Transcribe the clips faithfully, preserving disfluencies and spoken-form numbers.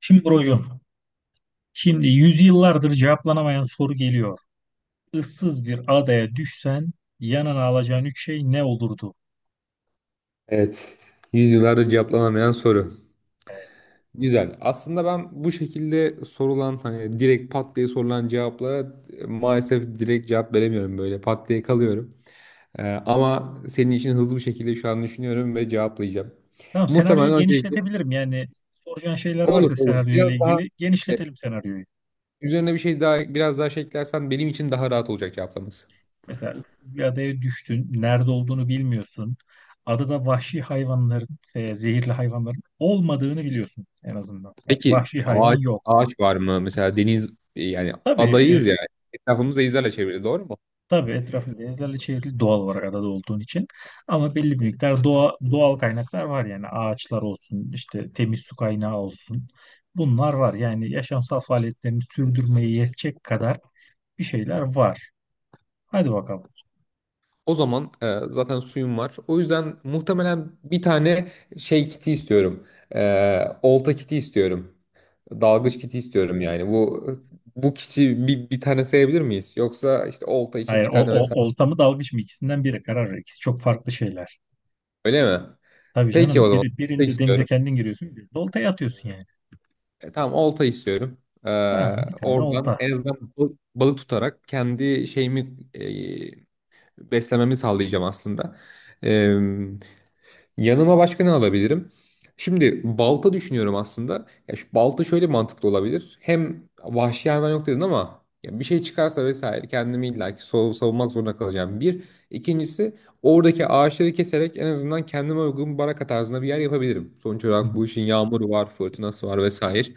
Şimdi brocum, şimdi yüzyıllardır cevaplanamayan soru geliyor. Issız bir adaya düşsen yanına alacağın üç şey ne olurdu? Evet. Yüzyıllardır cevaplanamayan soru. Güzel. Aslında ben bu şekilde sorulan hani direkt pat diye sorulan cevaplara e, maalesef direkt cevap veremiyorum böyle. Pat diye kalıyorum. Ee, ama senin için hızlı bir şekilde şu an düşünüyorum ve cevaplayacağım. Tamam, senaryoyu Muhtemelen öncelikle genişletebilirim. Yani soracağın şeyler olur varsa olur. senaryoyla Biraz daha ilgili e, genişletelim senaryoyu. üzerine bir şey daha biraz daha şey eklersen benim için daha rahat olacak cevaplaması. Mesela ıssız bir adaya düştün, nerede olduğunu bilmiyorsun. Adada vahşi hayvanların, e, zehirli hayvanların olmadığını biliyorsun en azından. Bak Peki vahşi hayvan ağaç yok. ağaç var mı? Mesela deniz e, yani Tabii. e, adayız ya. Etrafımız denizlerle çevrili, doğru mu? Tabii etrafı denizlerle çevrili doğal olarak adada olduğun için. Ama belli bir miktar doğa, doğal kaynaklar var yani ağaçlar olsun, işte temiz su kaynağı olsun. Bunlar var yani yaşamsal faaliyetlerini sürdürmeye yetecek kadar bir şeyler var. Hadi bakalım. O zaman e, zaten suyum var. O yüzden muhtemelen bir tane şey kiti istiyorum. E, olta kiti istiyorum. Dalgıç kiti istiyorum yani. Bu bu kiti bir, bir tane sayabilir miyiz? Yoksa işte olta için Hayır, bir o, tane o mesela, olta mı dalgıç mı, ikisinden biri karar ver. İkisi çok farklı şeyler. öyle mi? Tabii Peki canım, o zaman biri, olta birinde denize istiyorum. kendin giriyorsun, birinde oltaya atıyorsun yani. E, tamam, olta istiyorum. E, Tamam, bir tane Oradan olta. en azından bal- balık tutarak kendi şeyimi e, beslememi sağlayacağım aslında. Yanıma başka ne alabilirim? Şimdi balta düşünüyorum aslında. Ya şu balta şöyle mantıklı olabilir. Hem vahşi hayvan yok dedin ama ya bir şey çıkarsa vesaire, kendimi illaki sav- savunmak zorunda kalacağım. Bir. İkincisi, oradaki ağaçları keserek en azından kendime uygun bir baraka tarzında bir yer yapabilirim. Sonuç olarak bu işin yağmuru var, fırtınası var vesaire.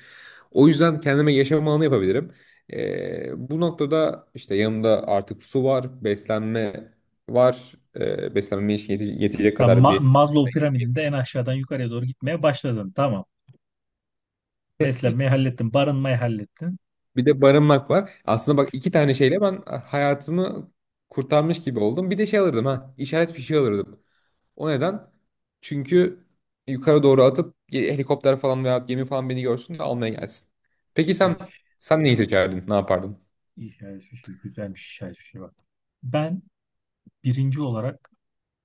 O yüzden kendime yaşam alanı yapabilirim. Ee, bu noktada işte yanımda artık su var, beslenme var. Ee, beslenmeme yete- yetecek Tamam, kadar Ma- bir. Maslow piramidinde en aşağıdan yukarıya doğru gitmeye başladın. Tamam. Beslenmeyi hallettin, barınmayı hallettin. Bir de barınmak var. Aslında bak, iki tane şeyle ben hayatımı kurtarmış gibi oldum. Bir de şey alırdım ha. işaret fişeği alırdım. O neden? Çünkü yukarı doğru atıp ge- helikopter falan veya gemi falan beni görsün de almaya gelsin. Peki Güzel sen bir şey, sen neyi seçerdin? Ne yapardın? iyi, şahane şey, şey, bir şey bak. Ben birinci olarak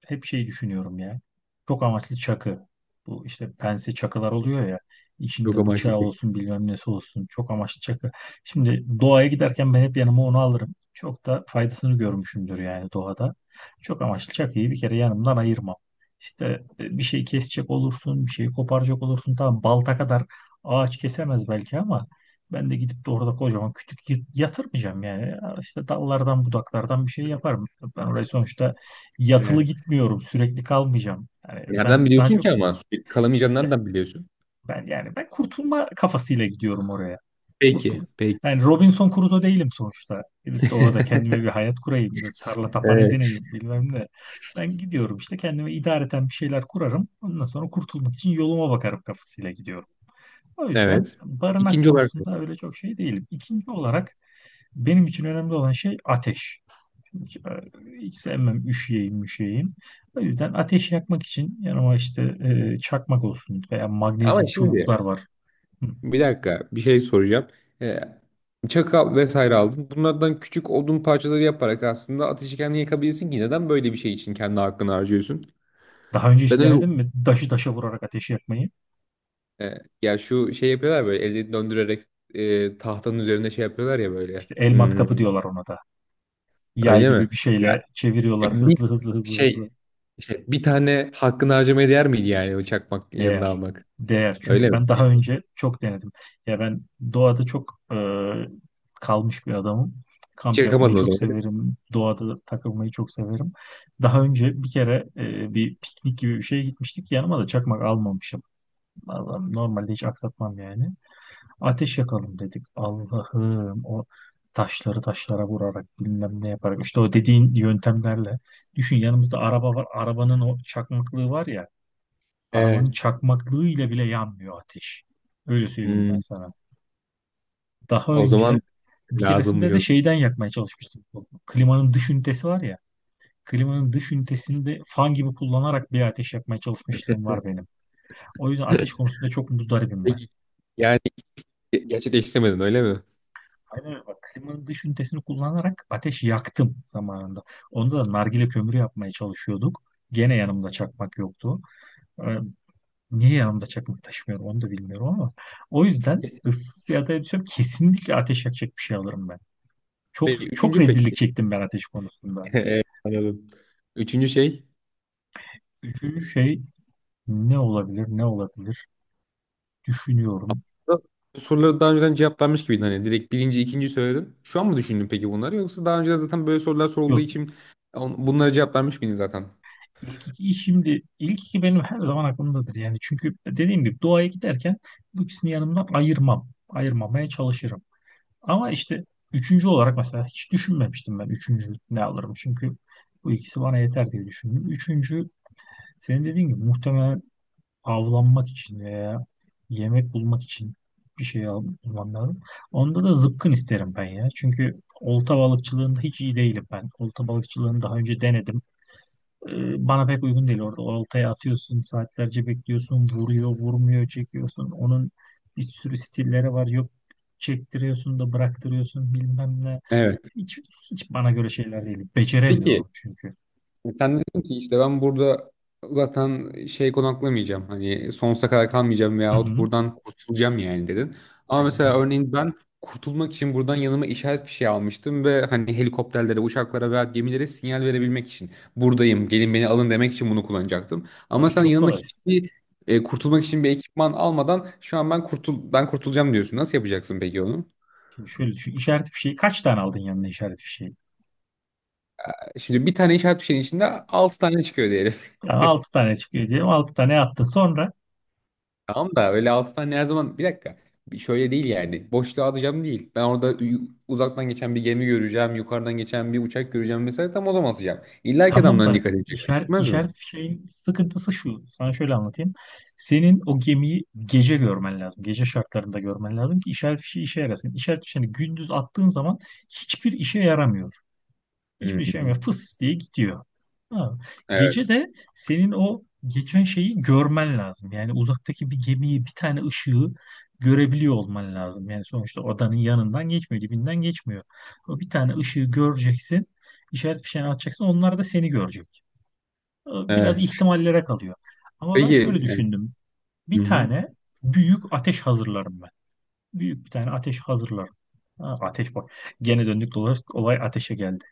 hep şeyi düşünüyorum ya. Çok amaçlı çakı. Bu işte pense çakılar oluyor ya. Yok İçinde ama bıçağı işte. olsun, bilmem nesi olsun. Çok amaçlı çakı. Şimdi doğaya giderken ben hep yanıma onu alırım. Çok da faydasını görmüşümdür yani doğada. Çok amaçlı çakıyı bir kere yanımdan ayırmam. İşte e, bir şey kesecek olursun, bir şeyi koparacak olursun. Tamam, balta kadar ağaç kesemez belki ama ben de gidip de orada kocaman kütük y- yatırmayacağım yani. İşte dallardan budaklardan bir şey yaparım. Ben orayı sonuçta yatılı Evet. gitmiyorum, sürekli kalmayacağım. Yani ben Nereden daha biliyorsun çok ki ama? Sürekli kalamayacağını nereden biliyorsun? ben yani ben kurtulma kafasıyla gidiyorum oraya. Peki, Kurtul. peki. Yani Robinson Crusoe değilim sonuçta. Gidip de orada kendime bir hayat kurayım, bir tarla tapan edineyim, bilmem ne. Ben gidiyorum, işte kendime idareten bir şeyler kurarım. Ondan sonra kurtulmak için yoluma bakarım kafasıyla gidiyorum. O yüzden Evet. barınak İkinci olarak, konusunda öyle çok şey değilim. İkinci olarak benim için önemli olan şey ateş. Hiç, e, hiç sevmem üşüyeyim müşeyim. O yüzden ateş yakmak için yanıma işte e, çakmak olsun veya ama magnezyum şimdi çubuklar var. Hı. bir dakika bir şey soracağım. Ee, Çakal vesaire aldın. Bunlardan küçük odun parçaları yaparak aslında ateşi kendin yakabilirsin, ki neden böyle bir şey için kendi hakkını harcıyorsun? Daha önce Ben hiç öyle denedin mi? Daşı taşa vurarak ateş yakmayı. e, ya şu şey yapıyorlar böyle elde döndürerek e, tahtanın üzerinde şey yapıyorlar ya böyle. İşte el Hmm, matkapı diyorlar ona da. Yay öyle mi? gibi bir Ya, şeyle ya çeviriyorlar bir hızlı hızlı hızlı şey hızlı. işte, bir tane hakkını harcamaya değer miydi yani, o çakmak yanına Değer. almak? Değer. Öyle Çünkü mi? ben daha önce çok denedim. Ya ben doğada çok e, kalmış bir adamım. Hiç Kamp yapmayı yakamadın o çok zaman, öyle mi? severim. Doğada takılmayı çok severim. Daha önce bir kere e, bir piknik gibi bir şeye gitmiştik. Yanıma da çakmak almamışım. Allah'ım, normalde hiç aksatmam yani. Ateş yakalım dedik. Allah'ım, o taşları taşlara vurarak bilmem ne yaparak işte o dediğin yöntemlerle. Düşün, yanımızda araba var. Arabanın o çakmaklığı var ya. Evet. Arabanın çakmaklığıyla bile yanmıyor ateş. Öyle söyleyeyim ben Hmm, sana. Daha o önce zaman bir lazımmış keresinde o de zaman. şeyden yakmaya çalışmıştım. Bu klimanın dış ünitesi var ya. Klimanın dış ünitesini de fan gibi kullanarak bir ateş yakmaya çalışmışlığım var benim. O yüzden ateş konusunda çok muzdaribim ben. Peki, yani gerçekleştiremedin, öyle mi? Aynen öyle bak. Klimanın dış ünitesini kullanarak ateş yaktım zamanında. Onda da nargile kömürü yapmaya çalışıyorduk. Gene yanımda çakmak yoktu. Ee, Niye yanımda çakmak taşımıyorum onu da bilmiyorum ama o yüzden ıssız bir adaya düşsem kesinlikle ateş yakacak bir şey alırım ben. Çok Peki çok üçüncü, rezillik peki. çektim ben ateş konusunda. Evet, anladım. Üçüncü şey. Üçüncü şey ne olabilir ne olabilir düşünüyorum. Bu soruları daha önceden cevaplanmış gibiydin, hani direkt birinci, ikinci söyledin. Şu an mı düşündün peki bunları, yoksa daha önce zaten böyle sorular sorulduğu Yok, için on- bunlara cevaplanmış mıydın zaten? ilk iki şimdi ilk iki benim her zaman aklımdadır yani çünkü dediğim gibi doğaya giderken bu ikisini yanımdan ayırmam. Ayırmamaya çalışırım. Ama işte üçüncü olarak mesela hiç düşünmemiştim ben üçüncü ne alırım çünkü bu ikisi bana yeter diye düşündüm. Üçüncü, senin dediğin gibi muhtemelen avlanmak için veya yemek bulmak için bir şey al- bulmam lazım. Onda da zıpkın isterim ben ya. Çünkü olta balıkçılığında hiç iyi değilim ben. Olta balıkçılığını daha önce denedim. Ee, bana pek uygun değil orada. Oltaya atıyorsun, saatlerce bekliyorsun, vuruyor, vurmuyor, çekiyorsun. Onun bir sürü stilleri var. Yok, çektiriyorsun da bıraktırıyorsun bilmem ne. Evet. Hiç, hiç bana göre şeyler değil. Peki. Beceremiyorum çünkü. E, Sen dedin ki işte ben burada zaten şey, konaklamayacağım. Hani sonsuza kadar kalmayacağım Hı veyahut hı. buradan kurtulacağım yani, dedin. Ama Aynen mesela öyle. örneğin ben kurtulmak için buradan yanıma işaret fişeği almıştım ve hani helikopterlere, uçaklara veya gemilere sinyal verebilmek için buradayım, gelin beni alın demek için bunu kullanacaktım. O Ama iş sen çok yanına kolay. hiçbir e, kurtulmak için bir ekipman almadan şu an ben kurtul ben kurtulacağım diyorsun. Nasıl yapacaksın peki onu? Şimdi şöyle düşün. İşaret fişeği kaç tane aldın yanına, işaret fişeği? Şimdi bir tane işaret fişeğinin içinde altı tane çıkıyor. Yani altı tane çıkıyor diyelim. Altı tane attın. Sonra Tamam da öyle altı tane her zaman, bir dakika. Bir. Şöyle değil yani. Boşluğa atacağım değil. Ben orada ü- uzaktan geçen bir gemi göreceğim. Yukarıdan geçen bir uçak göreceğim mesela. Tam o zaman atacağım. İlla ki tamam adamların da dikkatini çeker. işaret, Çekmez mi? işaret fişeğin sıkıntısı şu. Sana şöyle anlatayım. Senin o gemiyi gece görmen lazım. Gece şartlarında görmen lazım ki işaret fişeği işe yarasın. İşaret fişeğini gündüz attığın zaman hiçbir işe yaramıyor. Hı Hiçbir şey hı. yok. Fıs diye gidiyor. Ha. Gece Evet. de senin o geçen şeyi görmen lazım. Yani uzaktaki bir gemiyi, bir tane ışığı görebiliyor olman lazım. Yani sonuçta odanın yanından geçmiyor, dibinden geçmiyor. O bir tane ışığı göreceksin, işaret fişeğini atacaksın, onlar da seni görecek. Biraz Evet. ihtimallere kalıyor. Ama ben şöyle Peki. Evet. düşündüm. Hı Bir hı. tane büyük ateş hazırlarım ben. Büyük bir tane ateş hazırlarım. Ha, ateş bak. Gene döndük dolaştık olay ateşe geldi.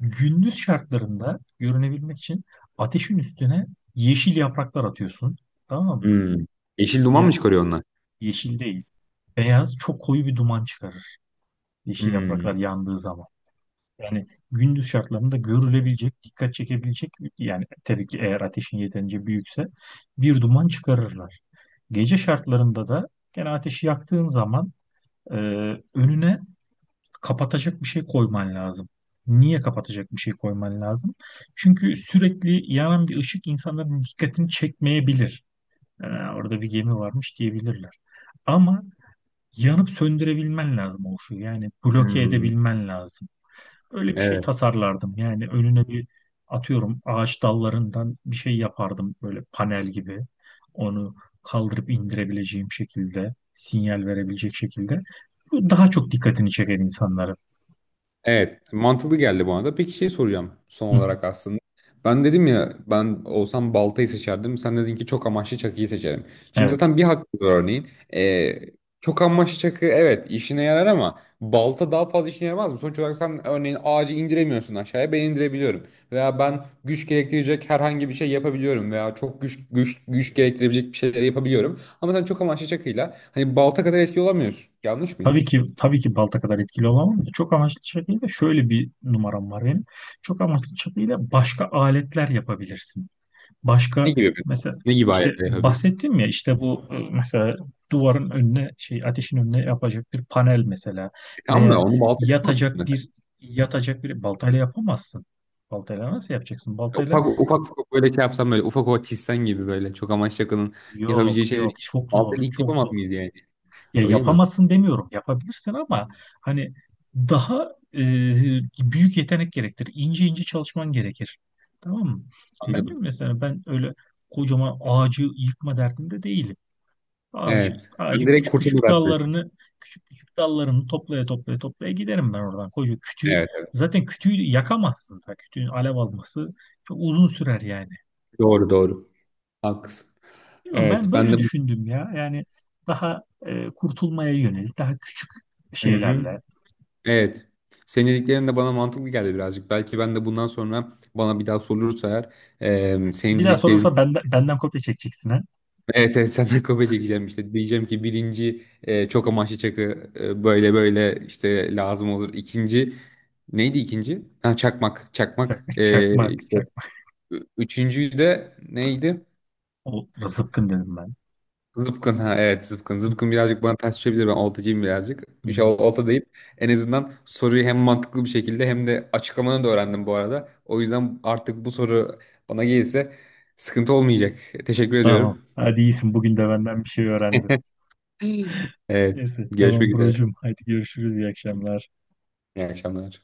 Gündüz şartlarında görünebilmek için ateşin üstüne yeşil yapraklar atıyorsun. Tamam mı? Hı. Yeşil duman Ya, mı çıkarıyor onlar? yeşil değil. Beyaz, çok koyu bir duman çıkarır. Yeşil Hı. yapraklar yandığı zaman. Yani gündüz şartlarında görülebilecek, dikkat çekebilecek, yani tabii ki eğer ateşin yeterince büyükse bir duman çıkarırlar. Gece şartlarında da gene ateşi yaktığın zaman e, önüne kapatacak bir şey koyman lazım. Niye kapatacak bir şey koyman lazım? Çünkü sürekli yanan bir ışık insanların dikkatini çekmeyebilir. "Aa, orada bir gemi varmış," diyebilirler. Ama yanıp söndürebilmen lazım o ışığı. Yani bloke Hı. edebilmen lazım. Öyle bir şey Evet. tasarlardım. Yani önüne bir atıyorum ağaç dallarından bir şey yapardım böyle panel gibi. Onu kaldırıp indirebileceğim şekilde, sinyal verebilecek şekilde. Bu daha çok dikkatini çeker insanlara. Evet, mantıklı geldi bana da. Peki şey soracağım son Hı. olarak aslında. Ben dedim ya, ben olsam baltayı seçerdim. Sen dedin ki çok amaçlı çakıyı seçerim. Şimdi Evet. zaten bir hakkı var örneğin. Ee, Çok amaçlı çakı evet, işine yarar ama balta daha fazla işine yaramaz mı? Sonuç olarak sen örneğin ağacı indiremiyorsun aşağıya, ben indirebiliyorum. Veya ben güç gerektirecek herhangi bir şey yapabiliyorum. Veya çok güç güç güç gerektirebilecek bir şeyleri yapabiliyorum. Ama sen çok amaçlı çakıyla hani balta kadar etki olamıyorsun. Yanlış mıyım? Tabii ki tabii ki balta kadar etkili olamam da çok amaçlı çakıyla şöyle bir numaram var benim. Çok amaçlı çakıyla başka aletler yapabilirsin. Ne Başka, gibi? mesela Ne gibi işte aletler yapabilirsin? bahsettim ya işte bu e, mesela duvarın önüne şey ateşin önüne yapacak bir panel mesela, Tamam da veya onu balta yapamaz mısın yatacak mesela? bir yatacak bir baltayla yapamazsın. Baltayla nasıl yapacaksın? Baltayla Ufak ufak ufak böyle şey yapsam, böyle ufak ufak çizsen gibi, böyle çok amaçlı yakının yapabileceği yok şeyleri yok, hiç, çok zor baltayla hiç çok yapamaz zor. mıyız yani? Ya Öyle mi? yapamazsın demiyorum. Yapabilirsin ama hani daha e, büyük yetenek gerektirir. İnce ince çalışman gerekir. Tamam mı? Ben Anladım. diyorum mesela, ben öyle kocaman ağacı yıkma derdinde değilim. Ağacı, Evet. Sen ağacın direkt küçük küçük kurtuluverdin. dallarını küçük küçük dallarını toplaya toplaya toplaya giderim ben oradan. Koca kütüğü Evet. zaten kütüğü yakamazsın. Ta kütüğün alev alması çok uzun sürer yani. Doğru doğru. Haklısın. Bilmiyorum, Evet ben ben böyle de bu... düşündüm ya. Yani daha e, kurtulmaya yönelik daha küçük Hı-hı. şeylerle. Evet. Senin dediklerin de bana mantıklı geldi birazcık. Belki ben de bundan sonra bana bir daha sorulursa eğer e, senin Bir daha sorulsa dediklerin. benden, benden, kopya çekeceksin ha. Evet, evet, senden kopya çekeceğim işte. Diyeceğim ki birinci e, çok amaçlı çakı e, böyle böyle işte lazım olur. İkinci neydi ikinci? Ha, çakmak, Çak- çakmak. E, Çakmak, işte, çak. ü- üçüncüyü de neydi? O zıpkın dedim ben. Zıpkın ha, evet zıpkın. Zıpkın birazcık bana ters düşebilir, ben oltacıyım birazcık. Hı. İşte ol- olta deyip en azından soruyu hem mantıklı bir şekilde hem de açıklamanı da öğrendim bu arada. O yüzden artık bu soru bana gelirse sıkıntı olmayacak. Teşekkür Tamam. ediyorum. Hadi iyisin. Bugün de benden bir şey öğrendin. Evet, Neyse. görüşmek Tamam üzere. brocum. Hadi görüşürüz. İyi akşamlar. İyi akşamlar.